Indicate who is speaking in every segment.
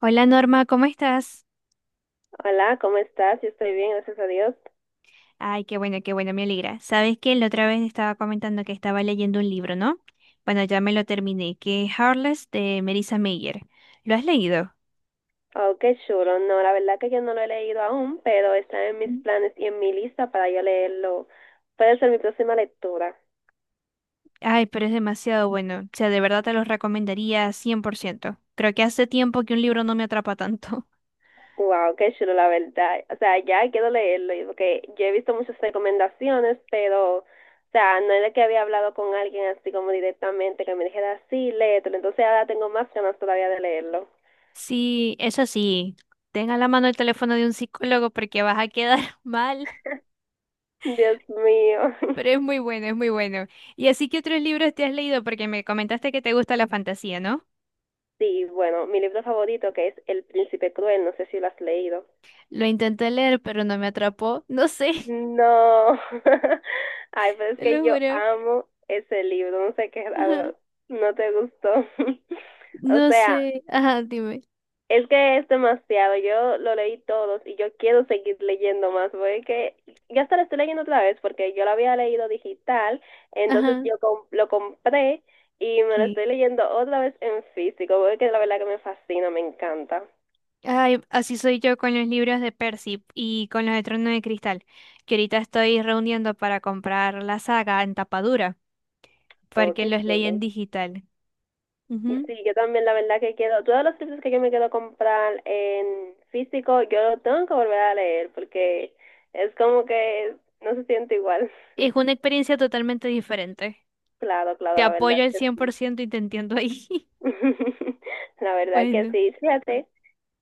Speaker 1: Hola Norma, ¿cómo estás?
Speaker 2: Hola, ¿cómo estás? Yo estoy bien, gracias a Dios.
Speaker 1: Ay, qué bueno, me alegra. Sabes que la otra vez estaba comentando que estaba leyendo un libro, ¿no? Bueno, ya me lo terminé, que es Heartless de Marissa Mayer. ¿Lo has leído?
Speaker 2: Oh, qué chulo. No, la verdad que yo no lo he leído aún, pero está en mis
Speaker 1: Mm.
Speaker 2: planes y en mi lista para yo leerlo. Puede ser mi próxima lectura.
Speaker 1: Ay, pero es demasiado bueno. O sea, de verdad te lo recomendaría 100%. Creo que hace tiempo que un libro no me atrapa tanto.
Speaker 2: Wow, qué chulo, la verdad. O sea, ya quiero leerlo, porque yo he visto muchas recomendaciones, pero, o sea, no era que había hablado con alguien así como directamente que me dijera, sí, léetelo. Entonces ahora tengo más ganas todavía de leerlo.
Speaker 1: Sí, eso sí, tenga a la mano el teléfono de un psicólogo porque vas a quedar mal.
Speaker 2: Dios mío.
Speaker 1: Pero es muy bueno, es muy bueno. ¿Y así que otros libros te has leído? Porque me comentaste que te gusta la fantasía, ¿no?
Speaker 2: Sí, bueno, mi libro favorito que es El Príncipe Cruel, no sé si lo has leído.
Speaker 1: Lo intenté leer, pero no me atrapó. No sé,
Speaker 2: No. Ay, pero es
Speaker 1: te
Speaker 2: que
Speaker 1: lo
Speaker 2: yo
Speaker 1: juro.
Speaker 2: amo ese libro. No sé, qué
Speaker 1: Ajá.
Speaker 2: raro. No te gustó. O
Speaker 1: No
Speaker 2: sea,
Speaker 1: sé. Ajá, dime.
Speaker 2: es que es demasiado. Yo lo leí todos y yo quiero seguir leyendo más. Porque es que ya hasta lo estoy leyendo otra vez porque yo lo había leído digital. Entonces
Speaker 1: Ajá.
Speaker 2: lo compré y me lo estoy
Speaker 1: ¿Qué?
Speaker 2: leyendo otra vez en físico. Porque la verdad que me fascina, me encanta.
Speaker 1: Ay, así soy yo con los libros de Percy y con los de Trono de Cristal, que ahorita estoy reuniendo para comprar la saga en tapadura,
Speaker 2: Oh,
Speaker 1: porque
Speaker 2: qué
Speaker 1: los leí en
Speaker 2: chulo.
Speaker 1: digital.
Speaker 2: Y
Speaker 1: Ujú.
Speaker 2: sí, yo también, la verdad que quiero, todos los libros que yo me quiero comprar en físico, yo lo tengo que volver a leer porque es como que no se siente igual.
Speaker 1: Es una experiencia totalmente diferente.
Speaker 2: Claro, claro,
Speaker 1: Te
Speaker 2: la
Speaker 1: apoyo
Speaker 2: verdad
Speaker 1: al
Speaker 2: que
Speaker 1: cien por
Speaker 2: sí.
Speaker 1: ciento y te entiendo ahí.
Speaker 2: La verdad que
Speaker 1: Bueno.
Speaker 2: sí. Fíjate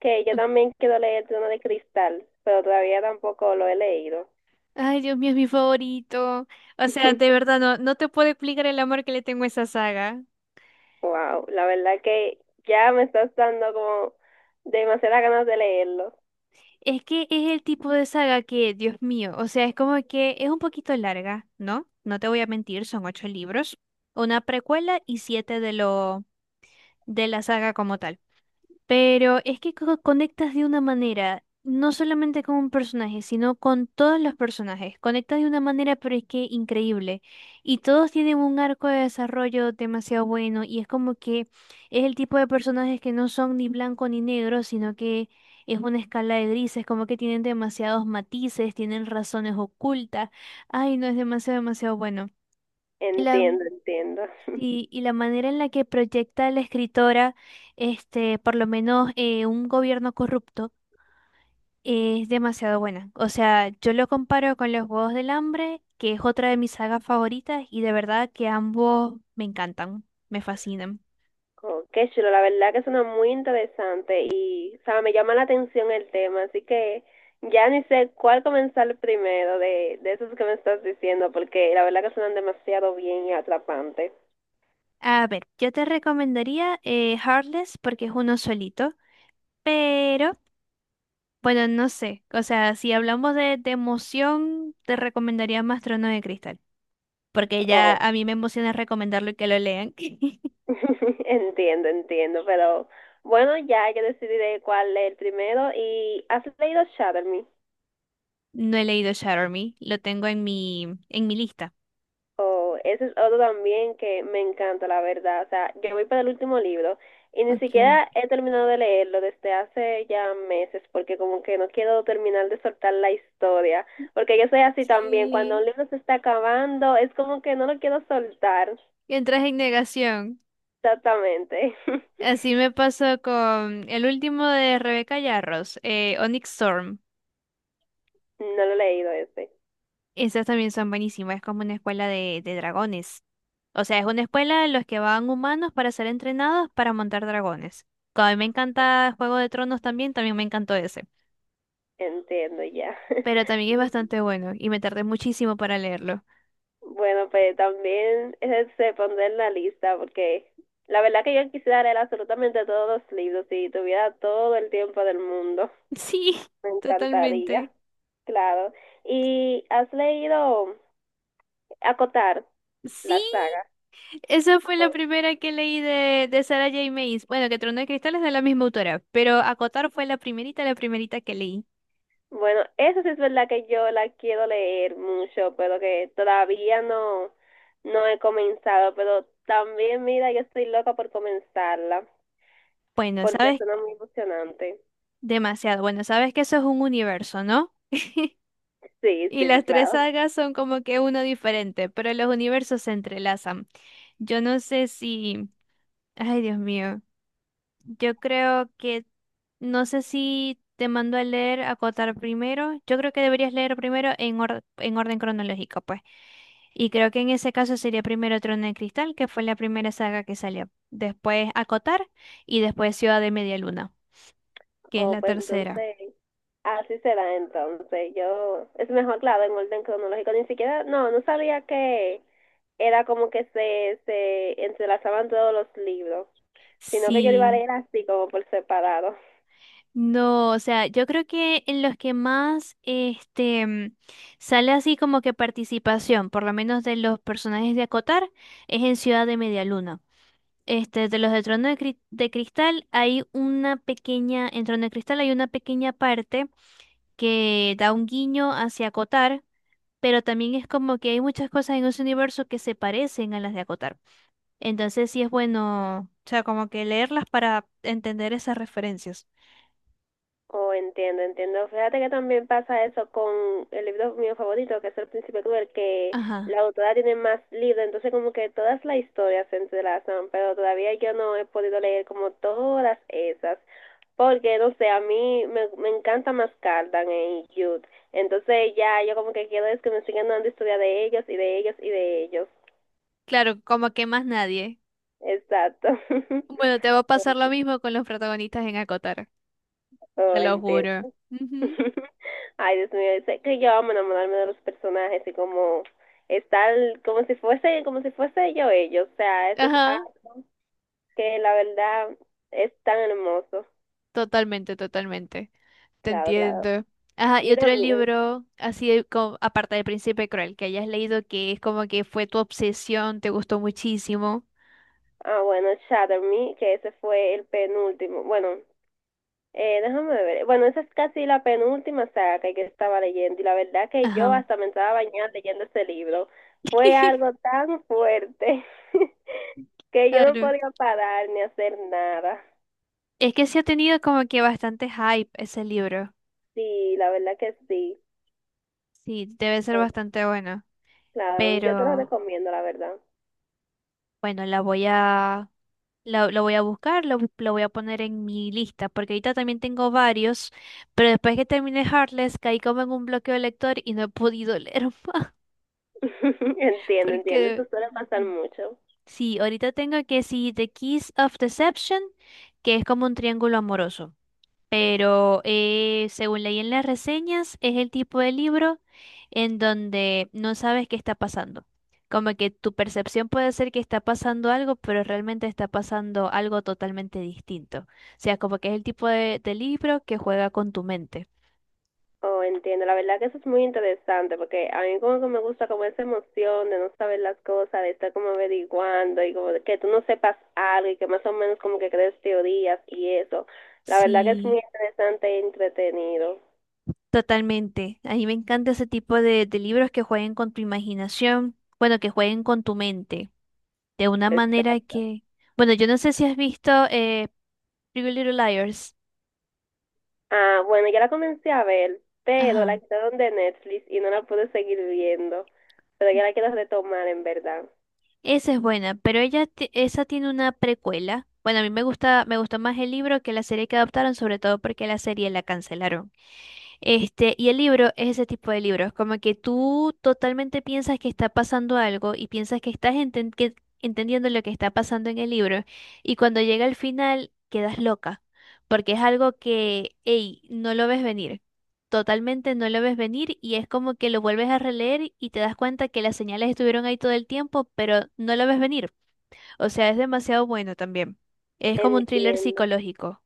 Speaker 2: que yo también quiero leer Trono de Cristal, pero todavía tampoco lo he leído.
Speaker 1: Ay, Dios mío, es mi favorito. O sea, de verdad, no, no te puedo explicar el amor que le tengo a esa saga.
Speaker 2: Wow, la verdad que ya me estás dando como demasiadas ganas de leerlo.
Speaker 1: Es que es el tipo de saga que, Dios mío, o sea, es como que es un poquito larga, ¿no? No te voy a mentir, son ocho libros, una precuela y siete de lo de la saga como tal. Pero es que conectas de una manera, no solamente con un personaje, sino con todos los personajes. Conectas de una manera, pero es que increíble. Y todos tienen un arco de desarrollo demasiado bueno. Y es como que es el tipo de personajes que no son ni blanco ni negro, sino que es una escala de grises, como que tienen demasiados matices, tienen razones ocultas. Ay, no, es demasiado, demasiado bueno. y la
Speaker 2: Entiendo, entiendo.
Speaker 1: Sí, y la manera en la que proyecta la escritora, por lo menos un gobierno corrupto, es demasiado buena. O sea, yo lo comparo con Los Juegos del Hambre, que es otra de mis sagas favoritas, y de verdad que ambos me encantan, me fascinan.
Speaker 2: Oh, qué chulo, la verdad que suena muy interesante y, o sea, me llama la atención el tema, así que ya ni sé cuál comenzar primero de esos que me estás diciendo, porque la verdad que suenan demasiado bien y atrapantes.
Speaker 1: A ver, yo te recomendaría Heartless porque es uno solito, pero bueno, no sé. O sea, si hablamos de, emoción, te recomendaría más Trono de Cristal, porque ya
Speaker 2: Oh,
Speaker 1: a mí me emociona recomendarlo y que lo lean.
Speaker 2: entiendo, entiendo, pero bueno, ya yo decidiré cuál es el primero. ¿Y has leído Shadow?
Speaker 1: No he leído Shatter Me, lo tengo en en mi lista.
Speaker 2: Oh, ese es otro también que me encanta, la verdad. O sea, yo voy para el último libro y ni
Speaker 1: Ok.
Speaker 2: siquiera he terminado de leerlo desde hace ya meses, porque como que no quiero terminar de soltar la historia, porque yo soy así también. Cuando un
Speaker 1: Sí,
Speaker 2: libro se está acabando, es como que no lo quiero soltar.
Speaker 1: entras en negación.
Speaker 2: Exactamente.
Speaker 1: Así me pasó con el último de Rebeca Yarros, Onyx Storm.
Speaker 2: No lo he leído ese.
Speaker 1: Esas también son buenísimas, es como una escuela de, dragones. O sea, es una escuela en los que van humanos para ser entrenados para montar dragones. Como a mí me encanta Juego de Tronos también, también me encantó ese.
Speaker 2: Entiendo ya.
Speaker 1: Pero también es bastante bueno y me tardé muchísimo para leerlo.
Speaker 2: Bueno, pues también se pondrá en la lista porque la verdad que yo quisiera leer absolutamente todos los libros si tuviera todo el tiempo del mundo.
Speaker 1: Sí,
Speaker 2: Me encantaría,
Speaker 1: totalmente.
Speaker 2: claro. ¿Y has leído Acotar,
Speaker 1: Sí.
Speaker 2: la saga?
Speaker 1: Esa fue la primera que leí de, Sarah J. Maas. Bueno, que Trono de Cristal es de la misma autora, pero Acotar fue la primerita que leí.
Speaker 2: Bueno, eso sí es verdad que yo la quiero leer mucho, pero que todavía no, no he comenzado. Pero también, mira, yo estoy loca por comenzarla
Speaker 1: Bueno,
Speaker 2: porque
Speaker 1: sabes
Speaker 2: suena muy emocionante.
Speaker 1: demasiado. Bueno, sabes que eso es un universo, ¿no?
Speaker 2: Sí,
Speaker 1: Y
Speaker 2: sí,
Speaker 1: las tres
Speaker 2: claro.
Speaker 1: sagas son como que uno diferente, pero los universos se entrelazan. Yo no sé si... Ay, Dios mío. Yo creo que... No sé si te mando a leer Acotar primero. Yo creo que deberías leer primero en orden cronológico, pues. Y creo que en ese caso sería primero Trono de Cristal, que fue la primera saga que salió. Después Acotar y después Ciudad de Media Luna, que es
Speaker 2: Oh,
Speaker 1: la
Speaker 2: pues
Speaker 1: tercera.
Speaker 2: entonces, así será entonces. Yo, es mejor, claro, en orden cronológico. Ni siquiera, no, no sabía que era como que se entrelazaban todos los libros, sino que yo lo iba a
Speaker 1: Sí.
Speaker 2: leer así como por separado.
Speaker 1: No, o sea, yo creo que en los que más sale así como que participación, por lo menos de los personajes de Acotar, es en Ciudad de Media Luna. De los de de Cristal hay una pequeña, en Trono de Cristal hay una pequeña parte que da un guiño hacia Acotar, pero también es como que hay muchas cosas en ese universo que se parecen a las de Acotar. Entonces sí es bueno, o sea, como que leerlas para entender esas referencias.
Speaker 2: Oh, entiendo, entiendo. Fíjate que también pasa eso con el libro mío favorito, que es El Príncipe Cruel, que
Speaker 1: Ajá.
Speaker 2: la autora tiene más libros, entonces como que todas las historias se entrelazan, pero todavía yo no he podido leer como todas esas. Porque, no sé, me encanta más Cardan en Youth. Entonces ya yo como que quiero es que me sigan dando historia de ellos y de ellos y de ellos.
Speaker 1: Claro, como que más nadie.
Speaker 2: Exacto.
Speaker 1: Bueno, te va a pasar lo mismo con los protagonistas en Acotar,
Speaker 2: Oh,
Speaker 1: te lo juro.
Speaker 2: entiendo.
Speaker 1: Ujú.
Speaker 2: Ay, Dios mío, sé que yo amo enamorarme de los personajes y como estar como si fuese yo ellos. O sea, eso es
Speaker 1: Ajá,
Speaker 2: algo que la verdad es tan hermoso.
Speaker 1: totalmente, totalmente. Te
Speaker 2: Claro, claro.
Speaker 1: entiendo. Ajá, y
Speaker 2: Y
Speaker 1: otro
Speaker 2: también,
Speaker 1: libro, así de aparte del Príncipe Cruel, que hayas leído que es como que fue tu obsesión, te gustó muchísimo.
Speaker 2: ah, bueno, Shatter Me, que ese fue el penúltimo, bueno, déjame ver. Bueno, esa es casi la penúltima saga que yo estaba leyendo y la verdad que yo
Speaker 1: Ajá.
Speaker 2: hasta me estaba bañando leyendo ese libro. Fue algo tan fuerte que yo no
Speaker 1: Claro.
Speaker 2: podía parar ni hacer nada.
Speaker 1: Es que sí ha tenido como que bastante hype ese libro.
Speaker 2: Sí, la verdad que sí.
Speaker 1: Sí, debe ser
Speaker 2: Ah,
Speaker 1: bastante bueno.
Speaker 2: claro, yo te lo
Speaker 1: Pero
Speaker 2: recomiendo, la verdad.
Speaker 1: bueno, la voy a, la- lo voy a buscar, lo voy a poner en mi lista, porque ahorita también tengo varios, pero después que terminé Heartless caí como en un bloqueo de lector y no he podido leer más,
Speaker 2: Entiendo, entiendo. Eso
Speaker 1: porque
Speaker 2: suele pasar mucho.
Speaker 1: sí, ahorita tengo que sí, The Keys of Deception, que es como un triángulo amoroso. Pero según leí en las reseñas, es el tipo de libro en donde no sabes qué está pasando. Como que tu percepción puede ser que está pasando algo, pero realmente está pasando algo totalmente distinto. O sea, como que es el tipo de, libro que juega con tu mente.
Speaker 2: Oh, entiendo. La verdad que eso es muy interesante porque a mí como que me gusta como esa emoción de no saber las cosas, de estar como averiguando y como de que tú no sepas algo y que más o menos como que crees teorías y eso. La verdad que es muy
Speaker 1: Sí.
Speaker 2: interesante e entretenido.
Speaker 1: Totalmente. A mí me encanta ese tipo de, libros que jueguen con tu imaginación, bueno, que jueguen con tu mente, de una manera
Speaker 2: Exacto.
Speaker 1: que, bueno, yo no sé si has visto Pretty Little Liars.
Speaker 2: Ah, bueno, ya la comencé a ver, pero la
Speaker 1: Ajá.
Speaker 2: quitaron de Netflix y no la pude seguir viendo. Pero ya la quiero retomar en verdad.
Speaker 1: Esa es buena, pero esa tiene una precuela. Bueno, a mí me gustó más el libro que la serie que adaptaron, sobre todo porque la serie la cancelaron. Y el libro es ese tipo de libros, como que tú totalmente piensas que está pasando algo y piensas que entendiendo lo que está pasando en el libro, y cuando llega al final quedas loca, porque es algo que, ey, no lo ves venir, totalmente no lo ves venir y es como que lo vuelves a releer y te das cuenta que las señales estuvieron ahí todo el tiempo, pero no lo ves venir. O sea, es demasiado bueno también. Es como un thriller
Speaker 2: Entiendo.
Speaker 1: psicológico.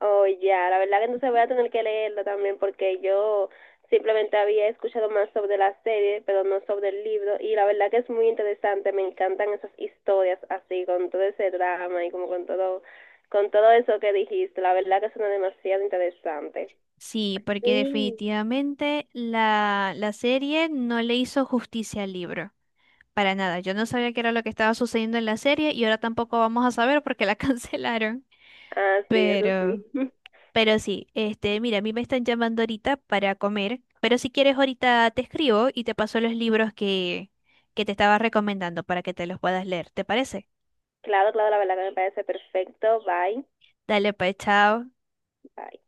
Speaker 2: Oh, ya, la verdad que entonces voy a tener que leerlo también porque yo simplemente había escuchado más sobre la serie, pero no sobre el libro, y la verdad que es muy interesante, me encantan esas historias así, con todo ese drama y como con todo eso que dijiste, la verdad que suena demasiado interesante.
Speaker 1: Sí, porque
Speaker 2: Sí.
Speaker 1: definitivamente la serie no le hizo justicia al libro. Para nada, yo no sabía qué era lo que estaba sucediendo en la serie y ahora tampoco vamos a saber porque la cancelaron.
Speaker 2: Ah, sí, eso sí.
Speaker 1: Pero, pero sí, mira, a mí me están llamando ahorita para comer, pero si quieres ahorita te escribo y te paso los libros que te estaba recomendando para que te los puedas leer, ¿te parece?
Speaker 2: Claro, claro, la verdad que me parece perfecto. Bye,
Speaker 1: Dale, pues, chao.
Speaker 2: bye.